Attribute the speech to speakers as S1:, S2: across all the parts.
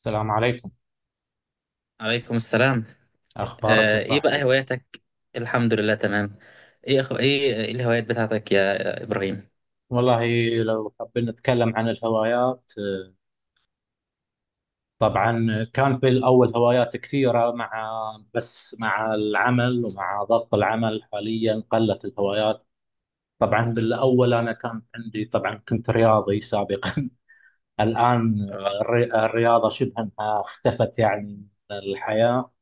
S1: السلام عليكم.
S2: عليكم السلام.
S1: أخبارك يا
S2: ايه بقى
S1: صاحبي؟
S2: هواياتك؟ الحمد لله تمام. ايه أخو... ايه إيه الهوايات بتاعتك يا ابراهيم؟
S1: والله، لو حابين نتكلم عن الهوايات، طبعا. كان في الأول هوايات كثيرة مع، بس مع العمل ومع ضغط العمل حاليا قلت الهوايات. طبعا بالأول أنا كان عندي، طبعا كنت رياضي سابقا. الآن
S2: اه،
S1: الرياضة شبه أنها اختفت يعني من الحياة،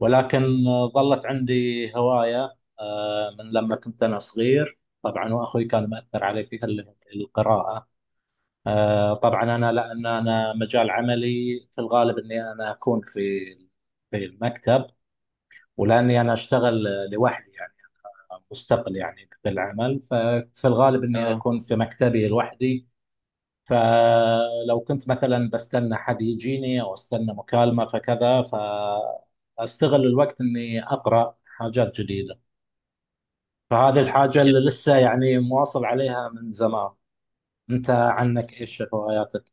S1: ولكن ظلت عندي هواية من لما كنت أنا صغير طبعا، وأخوي كان مأثر علي فيها اللي هي القراءة. طبعا أنا، لأن أنا مجال عملي في الغالب أني أنا أكون في المكتب، ولأني أنا أشتغل لوحدي يعني، مستقل يعني في العمل، ففي الغالب أني
S2: اه،
S1: أكون في مكتبي لوحدي. فلو كنت مثلا بستنى حد يجيني او استنى مكالمه فكذا، فاستغل الوقت اني اقرا حاجات جديده. فهذه الحاجه اللي
S2: يعني
S1: لسه يعني مواصل عليها من زمان. انت عنك ايش هواياتك؟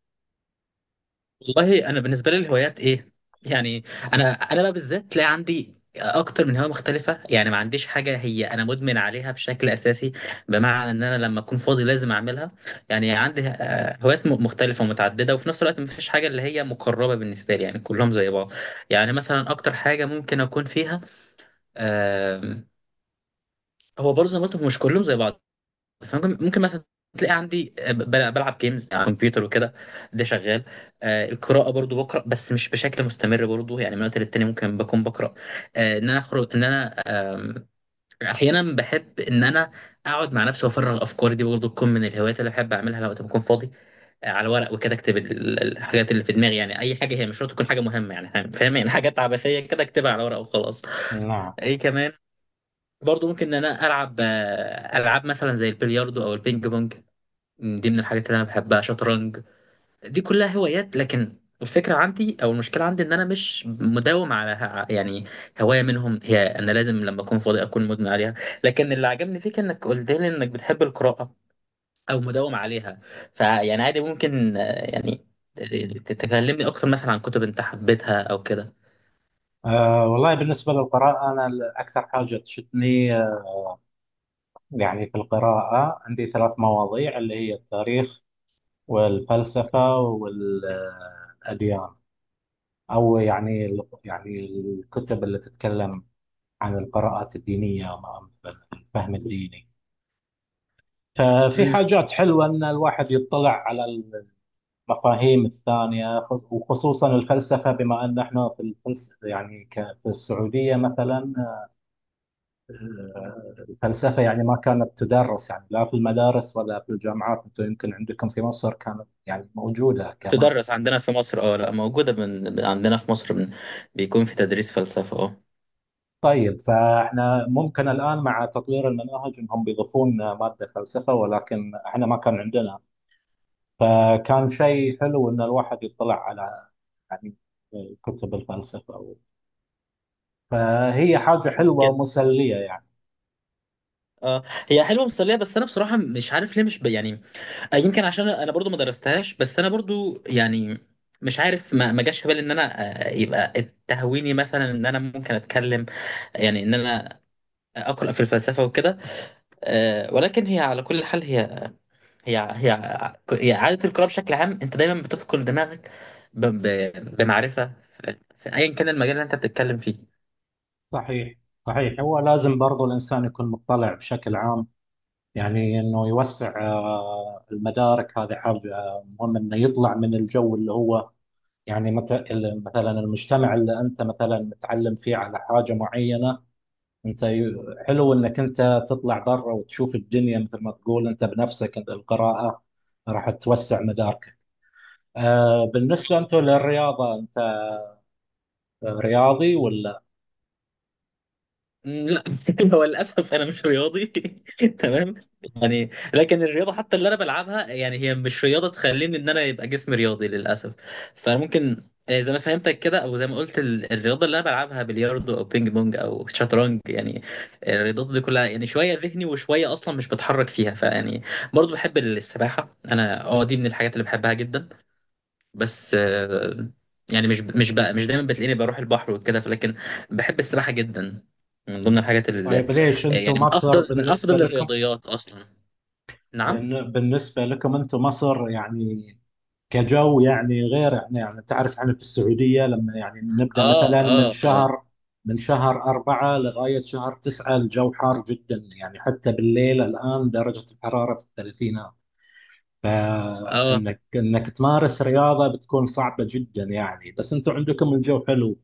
S2: والله انا بالنسبه لي الهوايات ايه. يعني انا بقى بالذات تلاقي عندي اكتر من هوايه مختلفه، يعني ما عنديش حاجه هي انا مدمن عليها بشكل اساسي. بمعنى ان انا لما اكون فاضي لازم اعملها. يعني عندي هوايات مختلفه ومتعدده، وفي نفس الوقت ما فيش حاجه اللي هي مقربه بالنسبه لي، يعني كلهم زي بعض. يعني مثلا اكتر حاجه ممكن اكون فيها، آم، هو برضه زي ما قلت، هو مش كلهم زي بعض. فممكن مثلا تلاقي عندي، بلعب جيمز على الكمبيوتر وكده. ده شغال. القراءة برضو بقرأ، بس مش بشكل مستمر برضو. يعني من وقت للتاني ممكن بكون بقرأ. ان انا اخرج ان انا آم، احيانا بحب ان انا اقعد مع نفسي وافرغ افكاري، دي برضو تكون من الهوايات اللي بحب اعملها لو وقت بكون فاضي. على ورق وكده اكتب الحاجات اللي في دماغي، يعني اي حاجة، هي مش شرط تكون حاجة مهمة، يعني فاهم، يعني حاجات عبثية كده اكتبها على ورق وخلاص.
S1: نعم.
S2: ايه كمان، برضه ممكن ان انا العب العاب مثلا زي البلياردو او البينج بونج. دي من الحاجات اللي انا بحبها، شطرنج. دي كلها هوايات، لكن الفكره عندي او المشكله عندي ان انا مش مداوم على يعني هوايه منهم، هي انا لازم لما اكون فاضي اكون مدمن عليها. لكن اللي عجبني فيك انك قلت لي انك بتحب القراءه او مداوم عليها. فيعني عادي، ممكن يعني تكلمني اكتر مثلا عن كتب انت حبيتها او كده.
S1: أه والله، بالنسبه للقراءه انا اكثر حاجه تشدني، يعني في القراءه عندي ثلاث مواضيع اللي هي التاريخ والفلسفه والاديان. او يعني الكتب اللي تتكلم عن القراءات الدينية وعن الفهم الديني. ففي حاجات حلوة أن الواحد يطلع على المفاهيم الثانية. وخصوصا الفلسفة، بما أن احنا في الفلسفة يعني، في السعودية مثلا الفلسفة يعني ما كانت تدرس، يعني لا في المدارس ولا في الجامعات. أنتم يمكن عندكم في مصر كانت يعني موجودة كمان.
S2: بتدرس عندنا في مصر، اه، لا موجودة، من عندنا في مصر، من بيكون في تدريس فلسفة، اه.
S1: طيب، فاحنا ممكن الآن مع تطوير المناهج أنهم بيضيفون مادة فلسفة، ولكن احنا ما كان عندنا. فكان شيء حلو ان الواحد يطلع على، يعني، كتب الفلسفه أو، فهي حاجه حلوه
S2: يمكن،
S1: ومسليه يعني.
S2: اه، هي حلوة مسلية، بس انا بصراحة مش عارف ليه، مش ب... يعني يمكن عشان انا برضو ما درستهاش. بس انا برضو يعني مش عارف، ما جاش في بالي ان انا يبقى تهويني مثلا ان انا ممكن اتكلم، يعني ان انا اقرا في الفلسفه وكده. ولكن هي، على كل حال، هي هي هي عادة القراءة بشكل عام، انت دايما بتثقل دماغك بمعرفة في ايا كان المجال اللي انت بتتكلم فيه.
S1: صحيح. صحيح، هو لازم برضو الانسان يكون مطلع بشكل عام، يعني انه يوسع المدارك، هذه حاجه مهمه انه يطلع من الجو اللي هو يعني مثلا المجتمع اللي انت مثلا متعلم فيه على حاجه معينه. انت حلو انك انت تطلع برا وتشوف الدنيا، مثل ما تقول انت بنفسك انت القراءة راح توسع مداركك. بالنسبة انتم للرياضة، انت رياضي ولا؟
S2: لا. هو للاسف انا مش رياضي. تمام. يعني لكن الرياضه حتى اللي انا بلعبها، يعني هي مش رياضه تخليني ان انا يبقى جسمي رياضي للاسف. فممكن زي ما فهمتك كده، او زي ما قلت، الرياضه اللي انا بلعبها بلياردو او بينج بونج او شطرنج، يعني الرياضات دي كلها يعني شويه ذهني وشويه اصلا مش بتحرك فيها. فيعني برضو بحب السباحه انا، اه، دي من الحاجات اللي بحبها جدا. بس يعني مش بقى مش دايما بتلاقيني بروح البحر وكده، لكن بحب السباحة جدا. من ضمن الحاجات اللي،
S1: طيب، ليش انتم
S2: يعني، من
S1: مصر
S2: افضل من
S1: بالنسبة
S2: افضل
S1: لكم،
S2: الرياضيات اصلا. نعم.
S1: بالنسبة لكم انتم مصر، يعني كجو يعني، غير احنا يعني. تعرف احنا في السعودية لما يعني نبدأ
S2: اه،
S1: مثلا من
S2: اه، اه،
S1: شهر من شهر 4 لغاية شهر 9 الجو حار جدا يعني، حتى بالليل الآن درجة الحرارة في الثلاثينات.
S2: اه.
S1: فانك تمارس رياضه بتكون صعبه جدا يعني، بس انتم عندكم الجو حلو.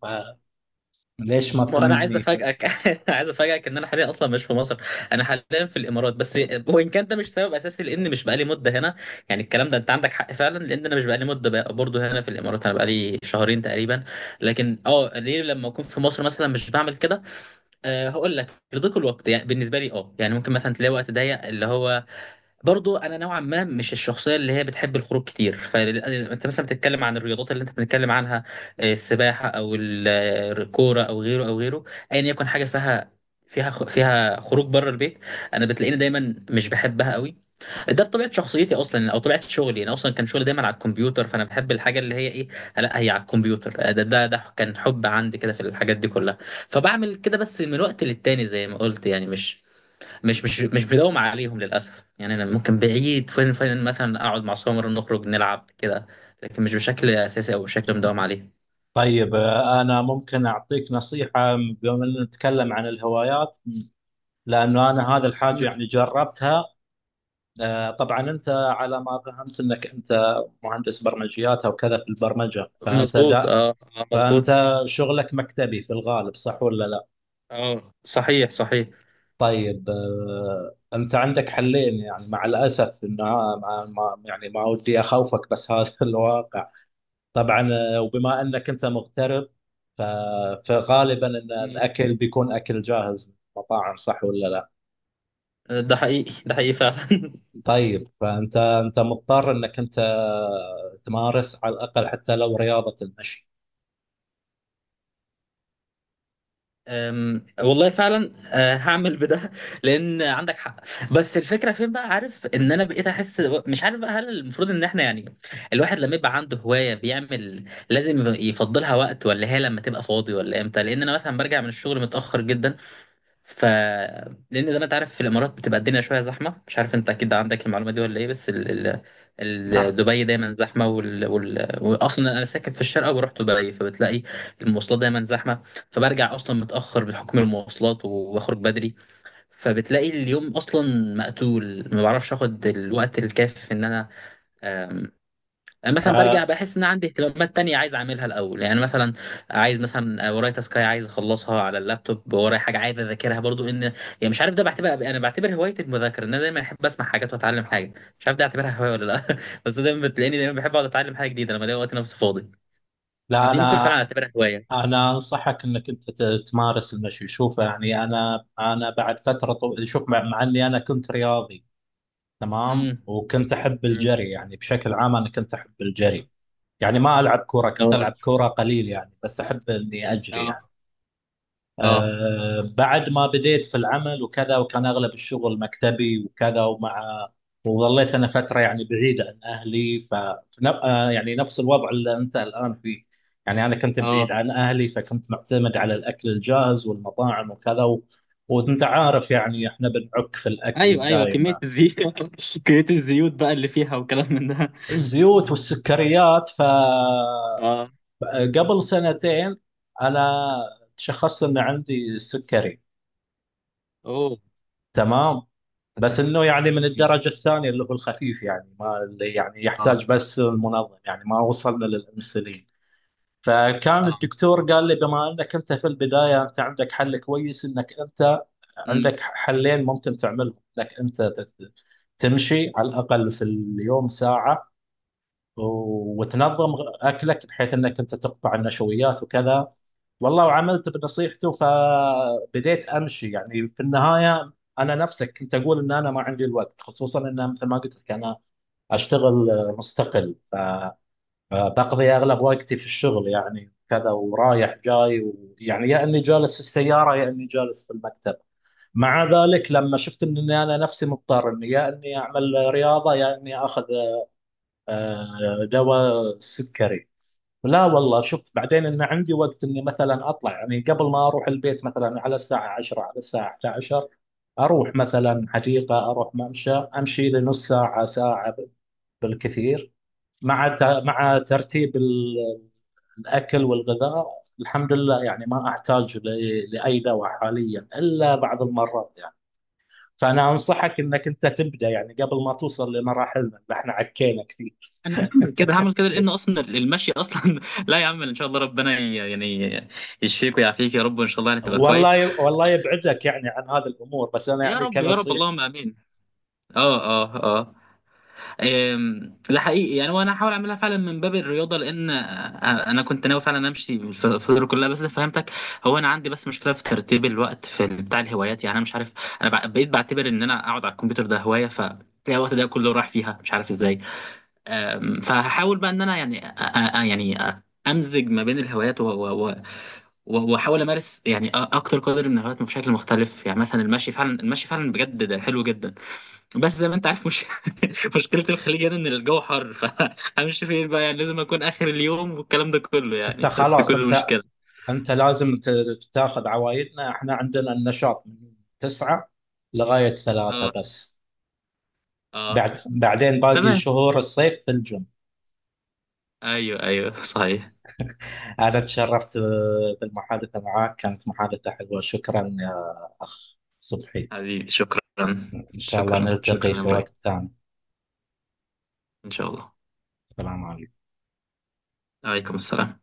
S1: فليش ما
S2: ما انا عايز
S1: تنمي؟
S2: افاجئك، عايز افاجئك ان انا حاليا اصلا مش في مصر. انا حاليا في الامارات. بس وان كان ده مش سبب اساسي لان مش بقالي مده هنا. يعني الكلام ده انت عندك حق فعلا، لان انا مش بقالي مده بقى برضه هنا في الامارات، انا بقالي شهرين تقريبا. لكن اه، ليه لما اكون في مصر مثلا مش بعمل كده؟ أه، هقول لك، لضيق الوقت يعني بالنسبه لي. اه، يعني ممكن مثلا تلاقي وقت ضيق اللي هو، برضو انا نوعا ما مش الشخصيه اللي هي بتحب الخروج كتير. فانت مثلا بتتكلم عن الرياضات اللي انت بنتكلم عنها، السباحه او الكوره او غيره او غيره، ايا يكن حاجه فيها، فيها خروج بره البيت. انا بتلاقيني دايما مش بحبها قوي. ده بطبيعه شخصيتي اصلا، او طبيعه شغلي. انا اصلا كان شغلي دايما على الكمبيوتر، فانا بحب الحاجه اللي هي ايه، لا هي على الكمبيوتر. ده كان حب عندي كده في الحاجات دي كلها. فبعمل كده بس من وقت للتاني، زي ما قلت، يعني مش بداوم عليهم للاسف. يعني انا ممكن بعيد فين مثلا اقعد مع سمر نخرج نلعب كده، لكن مش بشكل اساسي او بشكل مداوم عليه.
S1: طيب انا ممكن اعطيك نصيحه، بما ان نتكلم عن الهوايات، لانه انا هذا الحاجه
S2: مم.
S1: يعني جربتها. طبعا انت على ما فهمت انك انت مهندس برمجيات او كذا في البرمجه، فانت
S2: مظبوط،
S1: دا،
S2: اه. مظبوط.
S1: فانت شغلك مكتبي في الغالب، صح ولا لا؟
S2: اه، صحيح صحيح.
S1: طيب انت عندك حلين. يعني مع الاسف انه يعني ما ودي اخوفك، بس هذا الواقع. طبعا وبما انك انت مغترب، ف- فغالبا ان
S2: مم.
S1: الاكل بيكون اكل جاهز من المطاعم، صح ولا لا؟
S2: ده حقيقي ده حقيقي فعلا.
S1: طيب فانت انت مضطر انك انت تمارس على الاقل حتى لو رياضه المشي.
S2: والله فعلا. هعمل بده، لان عندك حق. بس الفكره فين بقى، عارف ان انا بقيت احس، مش عارف بقى هل المفروض ان احنا، يعني الواحد لما يبقى عنده هوايه بيعمل لازم يفضلها وقت، ولا هي لما تبقى فاضي، ولا امتى؟ لان انا مثلا برجع من الشغل متاخر جدا. ف لان زي ما انت عارف في الامارات بتبقى الدنيا شويه زحمه، مش عارف انت اكيد عندك المعلومه دي ولا ايه، بس
S1: نعم.
S2: دبي دايما زحمه، واصلا انا ساكن في الشارقه وبروح دبي، فبتلاقي المواصلات دايما زحمه. فبرجع اصلا متاخر بحكم المواصلات وبخرج بدري، فبتلاقي اليوم اصلا مقتول، ما بعرفش اخد الوقت الكافي ان انا يعني. مثلا برجع
S1: آه،
S2: بحس ان عندي اهتمامات تانية عايز اعملها الاول، يعني مثلا عايز مثلا ورايا تاسكاي عايز اخلصها على اللابتوب، ورايا حاجه عايز اذاكرها برضو. ان يعني مش عارف، ده بعتبر انا بعتبر هوايه المذاكره، ان انا دايما احب اسمع حاجات واتعلم حاجه، مش عارف ده اعتبرها هوايه ولا لا. بس دايما بتلاقيني بحب اقعد اتعلم حاجه جديده لما الاقي وقت نفسي فاضي.
S1: لا،
S2: دي ممكن فعلا
S1: انا
S2: اعتبرها هوايه.
S1: انا انصحك انك انت تمارس المشي. شوف، يعني انا بعد فتره شوف، مع اني انا كنت رياضي تمام
S2: امم
S1: وكنت احب
S2: أمم.
S1: الجري، يعني بشكل عام انا كنت احب الجري. يعني ما العب كوره، كنت
S2: اه،
S1: العب كوره قليل يعني، بس احب اني اجري يعني.
S2: اه، اه،
S1: بعد ما بديت في العمل وكذا، وكان اغلب الشغل مكتبي وكذا، ومع وظليت انا فتره يعني بعيده عن اهلي في يعني نفس الوضع اللي انت الان فيه. يعني انا كنت بعيد
S2: اه.
S1: عن اهلي، فكنت معتمد على الاكل الجاهز والمطاعم وكذا وانت عارف يعني احنا بنعك في الاكل
S2: ايوه ايوه، كميه
S1: دائما،
S2: الزيوت، كميه الزيوت بقى اللي فيها وكلام من ده.
S1: الزيوت والسكريات.
S2: اه.
S1: قبل سنتين انا تشخصت ان عندي سكري.
S2: اوه.
S1: تمام، بس انه يعني من الدرجه الثانيه اللي هو الخفيف، يعني ما اللي يعني
S2: اه،
S1: يحتاج بس المنظم، يعني ما وصلنا للانسولين. فكان
S2: اه،
S1: الدكتور قال لي بما انك انت في البدايه انت عندك حل كويس، انك انت عندك حلين ممكن تعملهم، انك انت تمشي على الاقل في اليوم ساعه، وتنظم اكلك بحيث انك انت تقطع النشويات وكذا. والله، وعملت بنصيحته، فبديت امشي. يعني في النهايه انا نفسك كنت اقول ان انا ما عندي الوقت، خصوصا ان مثل ما قلت لك انا اشتغل مستقل، فبقضي اغلب وقتي في الشغل، يعني كذا ورايح جاي يعني يا اني جالس في السياره يا اني جالس في المكتب. مع ذلك لما شفت اني انا نفسي مضطر اني يا اني اعمل رياضه يا اني اخذ دواء سكري، لا والله شفت بعدين ان عندي وقت اني مثلا اطلع، يعني قبل ما اروح البيت مثلا على الساعه 10، على الساعه 11، اروح مثلا حديقه، اروح ممشى امشي لي نص ساعه، ساعه بالكثير، مع مع ترتيب الاكل والغذاء. الحمد لله، يعني ما احتاج لاي دواء حاليا الا بعض المرات يعني. فانا انصحك انك انت تبدا يعني قبل ما توصل لمراحلنا اللي احنا عكينا كثير.
S2: انا هعمل كده هعمل كده، لان اصلا المشي اصلا، لا يا عم، ان شاء الله ربنا يعني يشفيك ويعافيك يا رب، وان شاء الله يعني تبقى كويس.
S1: والله، والله يبعدك يعني عن هذه الامور، بس انا
S2: يا
S1: يعني
S2: رب، يا رب،
S1: كنصيحه.
S2: اللهم امين. اه، اه، اه. ده حقيقي يعني، وانا هحاول اعملها فعلا من باب الرياضه، لان انا كنت ناوي فعلا امشي في الدور كلها، بس فهمتك. هو انا عندي بس مشكله في ترتيب الوقت في بتاع الهوايات، يعني انا مش عارف، انا بقيت بعتبر ان انا اقعد على الكمبيوتر ده هوايه. تلاقي الوقت ده كله راح فيها، مش عارف ازاي. فهحاول بقى ان انا، يعني يعني امزج ما بين الهوايات واحاول امارس، يعني اكتر قدر من الهوايات بشكل مختلف. يعني مثلا المشي فعلا، المشي فعلا بجد، ده حلو جدا، بس زي ما انت عارف مش مشكله الخليج يعني ان الجو حر. فهمشي فين بقى؟ يعني لازم اكون اخر اليوم والكلام ده كله،
S1: انت
S2: يعني بس دي
S1: خلاص،
S2: كل
S1: انت
S2: المشكله.
S1: انت لازم تاخذ عوايدنا، احنا عندنا النشاط من 9 لغاية 3
S2: اه،
S1: بس،
S2: اه،
S1: بعد بعدين باقي
S2: تمام.
S1: شهور الصيف في الجيم.
S2: ايوه، ايوه، صحيح.
S1: انا تشرفت بالمحادثة معك، كانت محادثة حلوة. شكرا يا اخ صبحي،
S2: حبيبي شكرا.
S1: ان شاء الله
S2: شكرا،
S1: نلتقي
S2: شكرا يا
S1: في
S2: ابراهيم.
S1: وقت ثاني.
S2: ان شاء الله.
S1: السلام عليكم.
S2: عليكم السلام.